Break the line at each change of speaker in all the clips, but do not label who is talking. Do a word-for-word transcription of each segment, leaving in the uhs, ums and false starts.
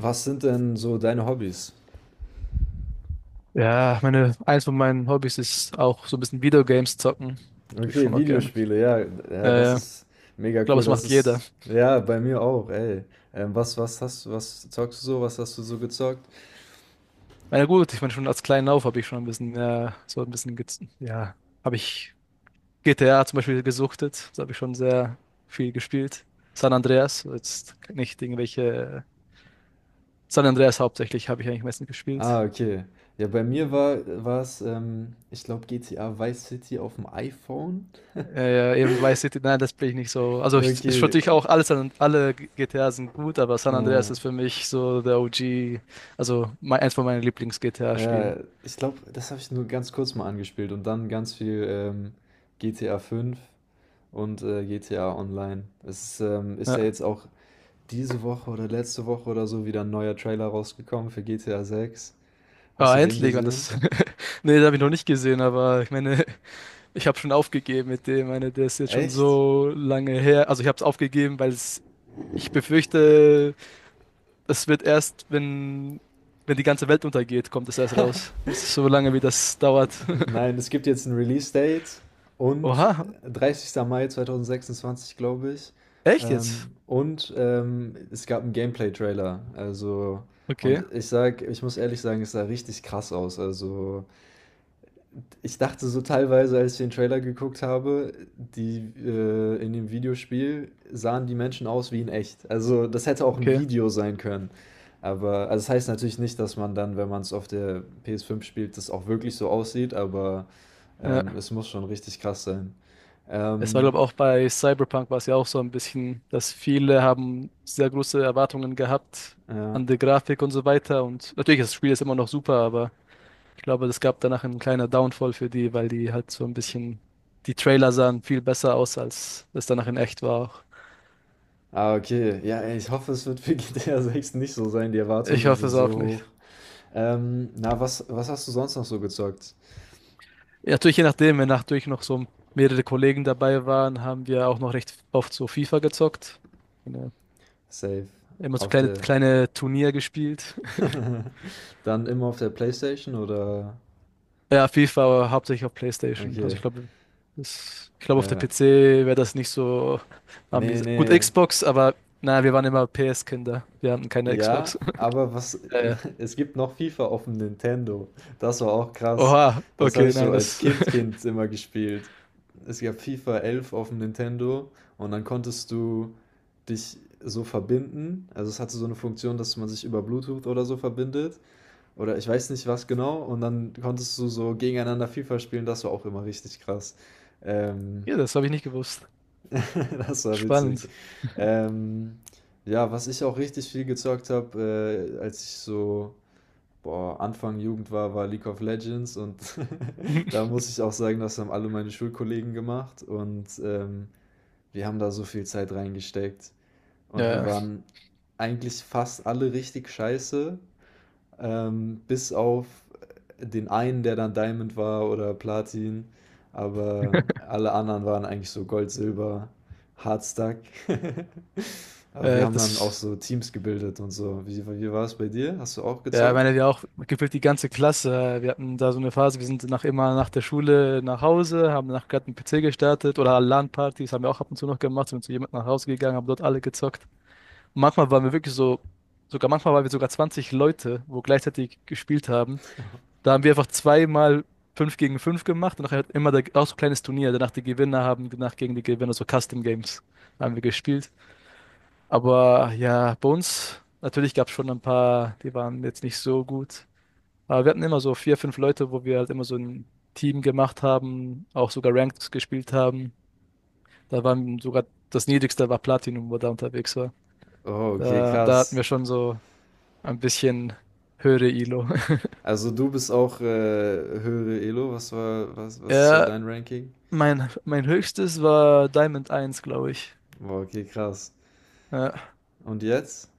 Was sind denn so deine Hobbys?
Ja, meine, eins von meinen Hobbys ist auch so ein bisschen Videogames zocken. Tue ich
Okay,
schon auch gerne.
Videospiele, ja, ja, das
Äh, ich
ist mega
glaube,
cool,
es
das
macht jeder.
ist, ja, bei mir auch, ey. Ähm, was, was hast, was zockst du so, was hast du so gezockt?
Na ja, gut, ich meine, schon als kleinen Auf habe ich schon ein bisschen, ja, so ein bisschen, gez- ja, habe ich G T A zum Beispiel gesuchtet. Das habe ich schon sehr viel gespielt. San Andreas, jetzt nicht irgendwelche, San Andreas hauptsächlich habe ich eigentlich meistens
Ah,
gespielt.
okay. Ja, bei mir war, war es, ähm, ich glaube, G T A Vice City auf dem iPhone.
Ja, ja, eben Vice City, nein, das bin ich nicht so. Also ich, ich
Okay.
würde ich auch alles an alle G T A sind gut, aber San Andreas
Äh,
ist für mich so der O G, also mein, eins von meinen Lieblings-G T A-Spielen.
ja, ich glaube, das habe ich nur ganz kurz mal angespielt und dann ganz viel ähm, G T A fünf und äh, G T A Online. Es ist, ähm, ist ja
Ja.
jetzt auch diese Woche oder letzte Woche oder so wieder ein neuer Trailer rausgekommen für G T A sechs. Hast du
Ah,
den
endlich, man, das.
gesehen?
Nee, das habe ich noch nicht gesehen, aber ich meine, ich habe schon aufgegeben mit dem. Ich meine, der ist jetzt schon
Echt?
so lange her. Also ich habe es aufgegeben, weil es, ich befürchte, das wird erst, wenn, wenn die ganze Welt untergeht, kommt es erst raus. Das ist so lange, wie das dauert.
Nein, es gibt jetzt ein Release-Date und
Oha,
dreißigsten Mai zwanzig sechsundzwanzig, glaube ich.
echt jetzt?
Ähm, und ähm, es gab einen Gameplay-Trailer. Also, und
Okay,
ich sag, ich muss ehrlich sagen, es sah richtig krass aus. Also, ich dachte so teilweise, als ich den Trailer geguckt habe, die äh, in dem Videospiel sahen die Menschen aus wie in echt. Also das hätte auch ein
okay.
Video sein können. Aber also das heißt natürlich nicht, dass man dann, wenn man es auf der ps fünf spielt, das auch wirklich so aussieht, aber
Ja,
ähm, es muss schon richtig krass sein.
es war,
Ähm,
glaube ich, auch bei Cyberpunk war es ja auch so ein bisschen, dass viele haben sehr große Erwartungen gehabt
ja.
an die Grafik und so weiter. Und natürlich, das Spiel ist immer noch super, aber ich glaube, es gab danach einen kleinen Downfall für die, weil die halt so ein bisschen, die Trailer sahen viel besser aus, als es danach in echt war auch.
Ah, okay. Ja, ey, ich hoffe, es wird für G T A sechs nicht so sein. Die
Ich
Erwartungen
hoffe
sind
es auch
so
nicht.
hoch. Ähm, na, was, was hast du sonst noch so gezockt?
Ja, natürlich, je nachdem, wenn natürlich noch so mehrere Kollegen dabei waren, haben wir auch noch recht oft so FIFA gezockt. Ja,
Safe.
immer so
Auf
kleine,
der.
kleine Turnier gespielt.
Dann immer auf der PlayStation oder?
Ja, FIFA, aber hauptsächlich auf PlayStation. Also
Okay,
ich glaube, das, ich glaube, auf der
ja.
P C wäre das nicht so
Nee,
amüsant. Gut,
nee.
Xbox, aber naja, wir waren immer P S-Kinder. Wir hatten keine
Ja,
Xbox.
aber was,
Äh,
es gibt noch FIFA auf dem Nintendo. Das war auch krass.
oha,
Das habe
okay,
ich so
nein,
als
das,
Kind, Kind immer gespielt. Es gab FIFA elf auf dem Nintendo und dann konntest du dich so verbinden. Also es hatte so eine Funktion, dass man sich über Bluetooth oder so verbindet. Oder ich weiß nicht was genau. Und dann konntest du so gegeneinander FIFA spielen. Das war auch immer richtig krass. Ähm,
Ja, das habe ich nicht gewusst.
Das war witzig.
Spannend.
Ähm, ja, was ich auch richtig viel gezockt habe, äh, als ich so boah, Anfang Jugend war, war League of Legends und da muss ich auch sagen, das haben alle meine Schulkollegen gemacht und ähm, wir haben da so viel Zeit reingesteckt und wir
Ja,
waren eigentlich fast alle richtig scheiße, ähm, bis auf den einen, der dann Diamond war oder Platin. Aber alle anderen waren eigentlich so Gold, Silber, Hardstack. Aber wir
äh,
haben dann auch
das,
so Teams gebildet und so. Wie, wie war es bei dir? Hast du auch
ja, ich
gezockt?
meine, wir auch gefühlt die ganze Klasse. Wir hatten da so eine Phase, wir sind nach immer nach der Schule nach Hause, haben nach gerade einen P C gestartet oder LAN-Partys haben wir auch ab und zu noch gemacht, sind zu jemandem nach Hause gegangen, haben dort alle gezockt. Manchmal waren wir wirklich so, sogar manchmal waren wir sogar zwanzig Leute, wo gleichzeitig gespielt haben. Da haben wir einfach zweimal fünf gegen fünf gemacht und nachher hat immer der, auch so ein kleines Turnier. Danach die Gewinner haben danach gegen die Gewinner so Custom Games haben wir gespielt. Aber ja, bei uns natürlich gab es schon ein paar, die waren jetzt nicht so gut. Aber wir hatten immer so vier, fünf Leute, wo wir halt immer so ein Team gemacht haben, auch sogar Ranked gespielt haben. Da waren sogar das Niedrigste war Platinum, wo da unterwegs war.
Oh, okay,
Da, da hatten
krass.
wir schon so ein bisschen höhere Elo.
Also du bist auch äh, höhere Elo. Was war, was, was ist so
Ja,
dein Ranking?
mein, mein höchstes war Diamond eins, glaube ich.
Boah, okay, krass.
Ja,
Und jetzt?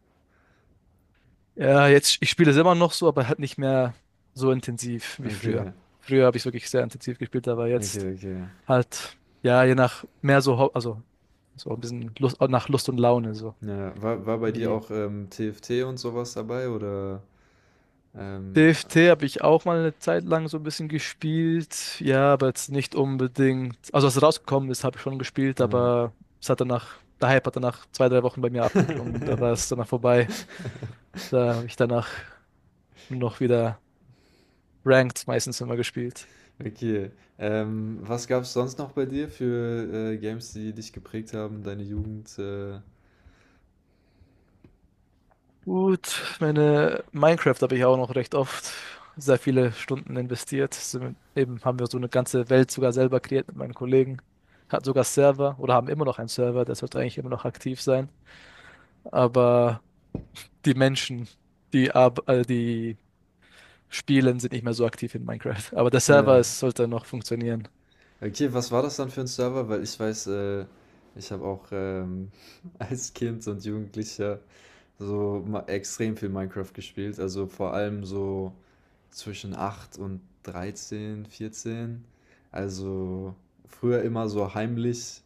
ja, jetzt, ich spiele es immer noch so, aber halt nicht mehr so intensiv wie früher.
Okay,
Früher habe ich wirklich sehr intensiv gespielt, aber
okay,
jetzt
okay.
halt, ja, je nach mehr so, hau- also so ein bisschen Lust, nach Lust und Laune, so
Ja, war, war bei dir
wie.
auch ähm, T F T und sowas dabei oder? Ähm,
T F T habe ich auch mal eine Zeit lang so ein bisschen gespielt. Ja, aber jetzt nicht unbedingt. Also als es rausgekommen ist, habe ich schon gespielt,
ah.
aber es hat danach, der Hype hat danach zwei, drei Wochen bei mir abgeklungen. Da war es danach vorbei. Da habe ich danach nur noch wieder Ranked meistens immer gespielt.
Okay. Ähm, was gab es sonst noch bei dir für äh, Games, die dich geprägt haben, deine Jugend? Äh,
Gut, meine Minecraft habe ich auch noch recht oft sehr viele Stunden investiert. Sind, eben haben wir so eine ganze Welt sogar selber kreiert mit meinen Kollegen. Hat sogar Server oder haben immer noch einen Server, der sollte eigentlich immer noch aktiv sein. Aber die Menschen, die, ab, äh, die spielen, sind nicht mehr so aktiv in Minecraft. Aber der Server,
äh.
es sollte noch funktionieren.
Okay, was war das dann für ein Server? Weil ich weiß, äh, ich habe auch ähm, als Kind und Jugendlicher so ma- extrem viel Minecraft gespielt. Also vor allem so zwischen acht und dreizehn, vierzehn. Also früher immer so heimlich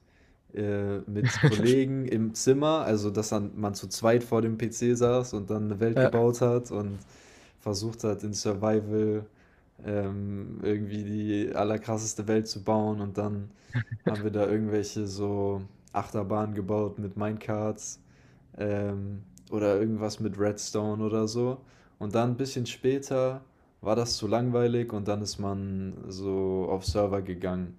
äh, mit Kollegen im Zimmer, also dass dann man zu zweit vor dem P C saß und dann eine Welt
Ja.
gebaut hat und versucht hat, in Survival ähm, irgendwie die allerkrasseste Welt zu bauen und dann haben wir da irgendwelche so Achterbahnen gebaut mit Minecarts ähm, oder irgendwas mit Redstone oder so. Und dann ein bisschen später war das zu langweilig und dann ist man so auf Server gegangen,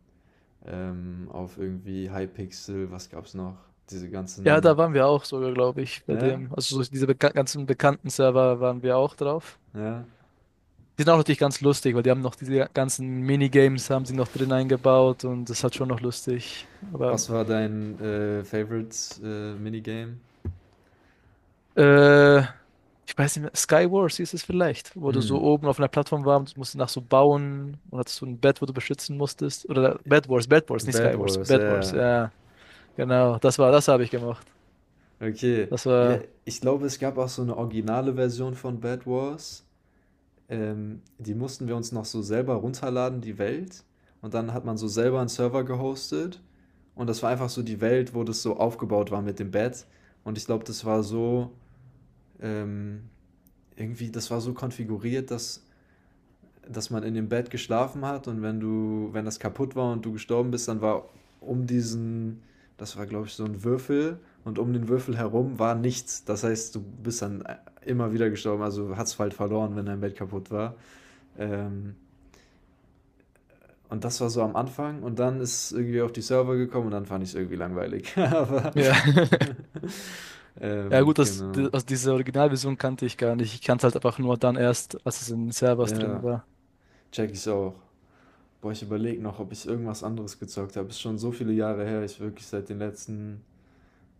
ähm, auf irgendwie Hypixel, was gab's noch? Diese
Ja, da
ganzen,
waren wir auch sogar, glaube ich, bei
ja,
dem. Also so diese beka ganzen bekannten Server waren wir auch drauf.
ja.
Die sind auch natürlich ganz lustig, weil die haben noch diese ganzen Minigames haben sie noch drin eingebaut und das hat schon noch lustig. Aber
Was war dein äh, Favorite äh, Minigame?
äh, ich weiß nicht mehr, Skywars hieß es vielleicht, wo du
Hm,
so oben auf einer Plattform warst, musst du nach so bauen und hattest so ein Bed, wo du beschützen musstest. Oder Bed Wars, Bed Wars, nicht
Bad
Skywars,
Wars,
Bed Wars.
ja.
Ja, genau, das war, das habe ich gemacht.
Okay,
Das
ja,
war,
ich glaube, es gab auch so eine originale Version von Bed Wars. Ähm, die mussten wir uns noch so selber runterladen, die Welt. Und dann hat man so selber einen Server gehostet. Und das war einfach so die Welt, wo das so aufgebaut war mit dem Bett. Und ich glaube, das war so, ähm, irgendwie, das war so konfiguriert, dass, dass man in dem Bett geschlafen hat und wenn du, wenn das kaputt war und du gestorben bist, dann war um diesen, das war glaube ich so ein Würfel und um den Würfel herum war nichts. Das heißt, du bist dann äh, immer wieder gestorben, also hast halt verloren, wenn dein Bett kaputt war. Ähm, und das war so am Anfang und dann ist irgendwie auf die Server gekommen und dann fand ich es irgendwie langweilig. Aber
ja, ja
ähm,
gut, das,
genau.
die- also diese Originalversion kannte ich gar nicht. Ich kannte halt einfach nur dann erst, als es in Servers
Ja,
drin war.
check ich's auch. Boah, ich überlege noch, ob ich irgendwas anderes gezockt habe. Ist schon so viele Jahre her. Ich wirklich seit den letzten,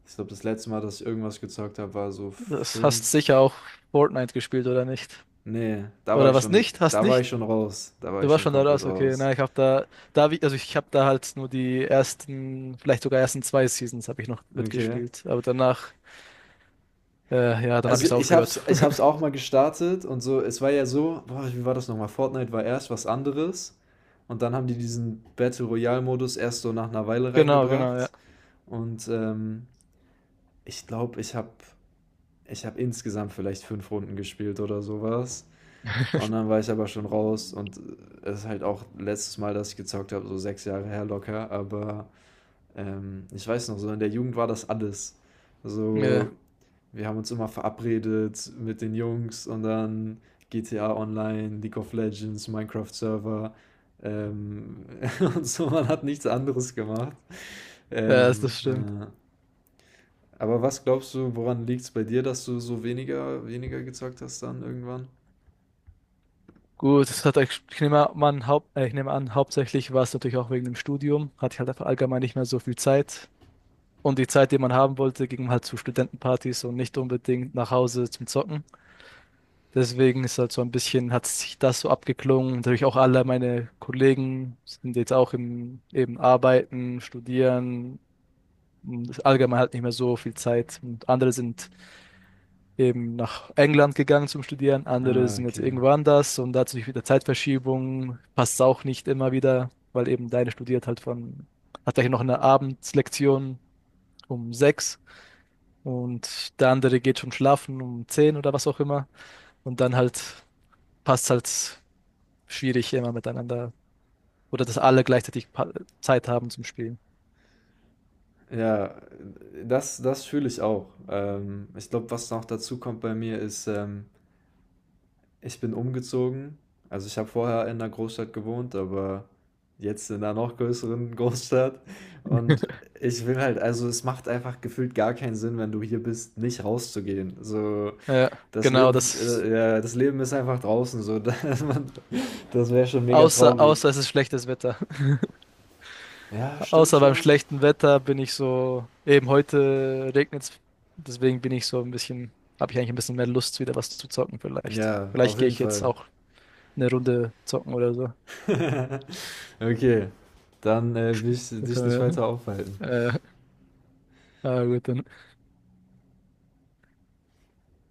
ich glaube, das letzte Mal, dass ich irgendwas gezockt habe, war so
Das hast
fünf.
sicher auch Fortnite gespielt, oder nicht?
Nee, da war
Oder
ich
was
schon,
nicht? Hast
da war ich
nicht?
schon raus. Da war
Du
ich
warst
schon
schon da
komplett
raus, okay.
raus.
Na, ich habe da, da hab ich, also ich habe da halt nur die ersten, vielleicht sogar ersten zwei Seasons habe ich noch
Okay.
mitgespielt. Aber danach, äh, ja, dann habe
Also
ich es
ich
aufgehört.
hab's, ich hab's auch mal gestartet und so, es war ja so, boah, wie war das nochmal? Fortnite war erst was anderes und dann haben die diesen Battle Royale Modus erst so nach einer Weile
Genau, genau,
reingebracht
ja.
und ähm, ich glaube, ich habe ich habe insgesamt vielleicht fünf Runden gespielt oder sowas. Und dann war ich aber schon raus und es ist halt auch letztes Mal, dass ich gezockt habe, so sechs Jahre her locker, aber ähm, ich weiß noch, so in der Jugend war das alles.
Ja,
So, wir haben uns immer verabredet mit den Jungs und dann G T A Online, League of Legends, Minecraft Server ähm, und so, man hat nichts anderes gemacht.
ja, das
Ähm,
stimmt.
äh, aber was glaubst du, woran liegt es bei dir, dass du so weniger weniger gezockt hast dann irgendwann?
Gut, das hat, euch- ich nehme an, haupt, äh, ich nehme an, hauptsächlich war es natürlich auch wegen dem Studium. Hatte ich halt einfach allgemein nicht mehr so viel Zeit. Und die Zeit, die man haben wollte, ging halt zu Studentenpartys und nicht unbedingt nach Hause zum Zocken. Deswegen ist halt so ein bisschen, hat sich das so abgeklungen. Natürlich auch alle meine Kollegen sind jetzt auch im, eben arbeiten, studieren. Und allgemein halt nicht mehr so viel Zeit. Und andere sind eben nach England gegangen zum Studieren, andere
Ah,
sind jetzt
okay.
irgendwo anders und dazu natürlich wieder Zeitverschiebung, passt auch nicht immer wieder, weil eben deine studiert halt von, hat gleich noch eine Abendslektion um sechs und der andere geht schon schlafen um zehn oder was auch immer und dann halt passt halt schwierig immer miteinander oder dass alle gleichzeitig pa- Zeit haben zum Spielen.
Ja, das das fühle ich auch. Ähm, ich glaube, was noch dazu kommt bei mir ist, ähm, ich bin umgezogen. Also, ich habe vorher in 'ner Großstadt gewohnt, aber jetzt in einer noch größeren Großstadt und ich will halt also, es macht einfach gefühlt gar keinen Sinn, wenn du hier bist, nicht rauszugehen. So
Ja,
das
genau,
Leben,
das,
äh, ja, das Leben ist einfach draußen, so. dass man- Das wäre schon mega
außer,
traurig.
außer es ist schlechtes Wetter.
Ja, stimmt
Außer beim
schon.
schlechten Wetter bin ich so, eben heute regnet es, deswegen bin ich so ein bisschen, habe ich eigentlich ein bisschen mehr Lust, wieder was zu zocken vielleicht.
Ja, auf
Vielleicht gehe
jeden
ich jetzt
Fall.
auch eine Runde zocken oder so.
Okay, dann äh, will ich
Da
dich nicht
können
weiter aufhalten.
wir, äh, ah, gut, dann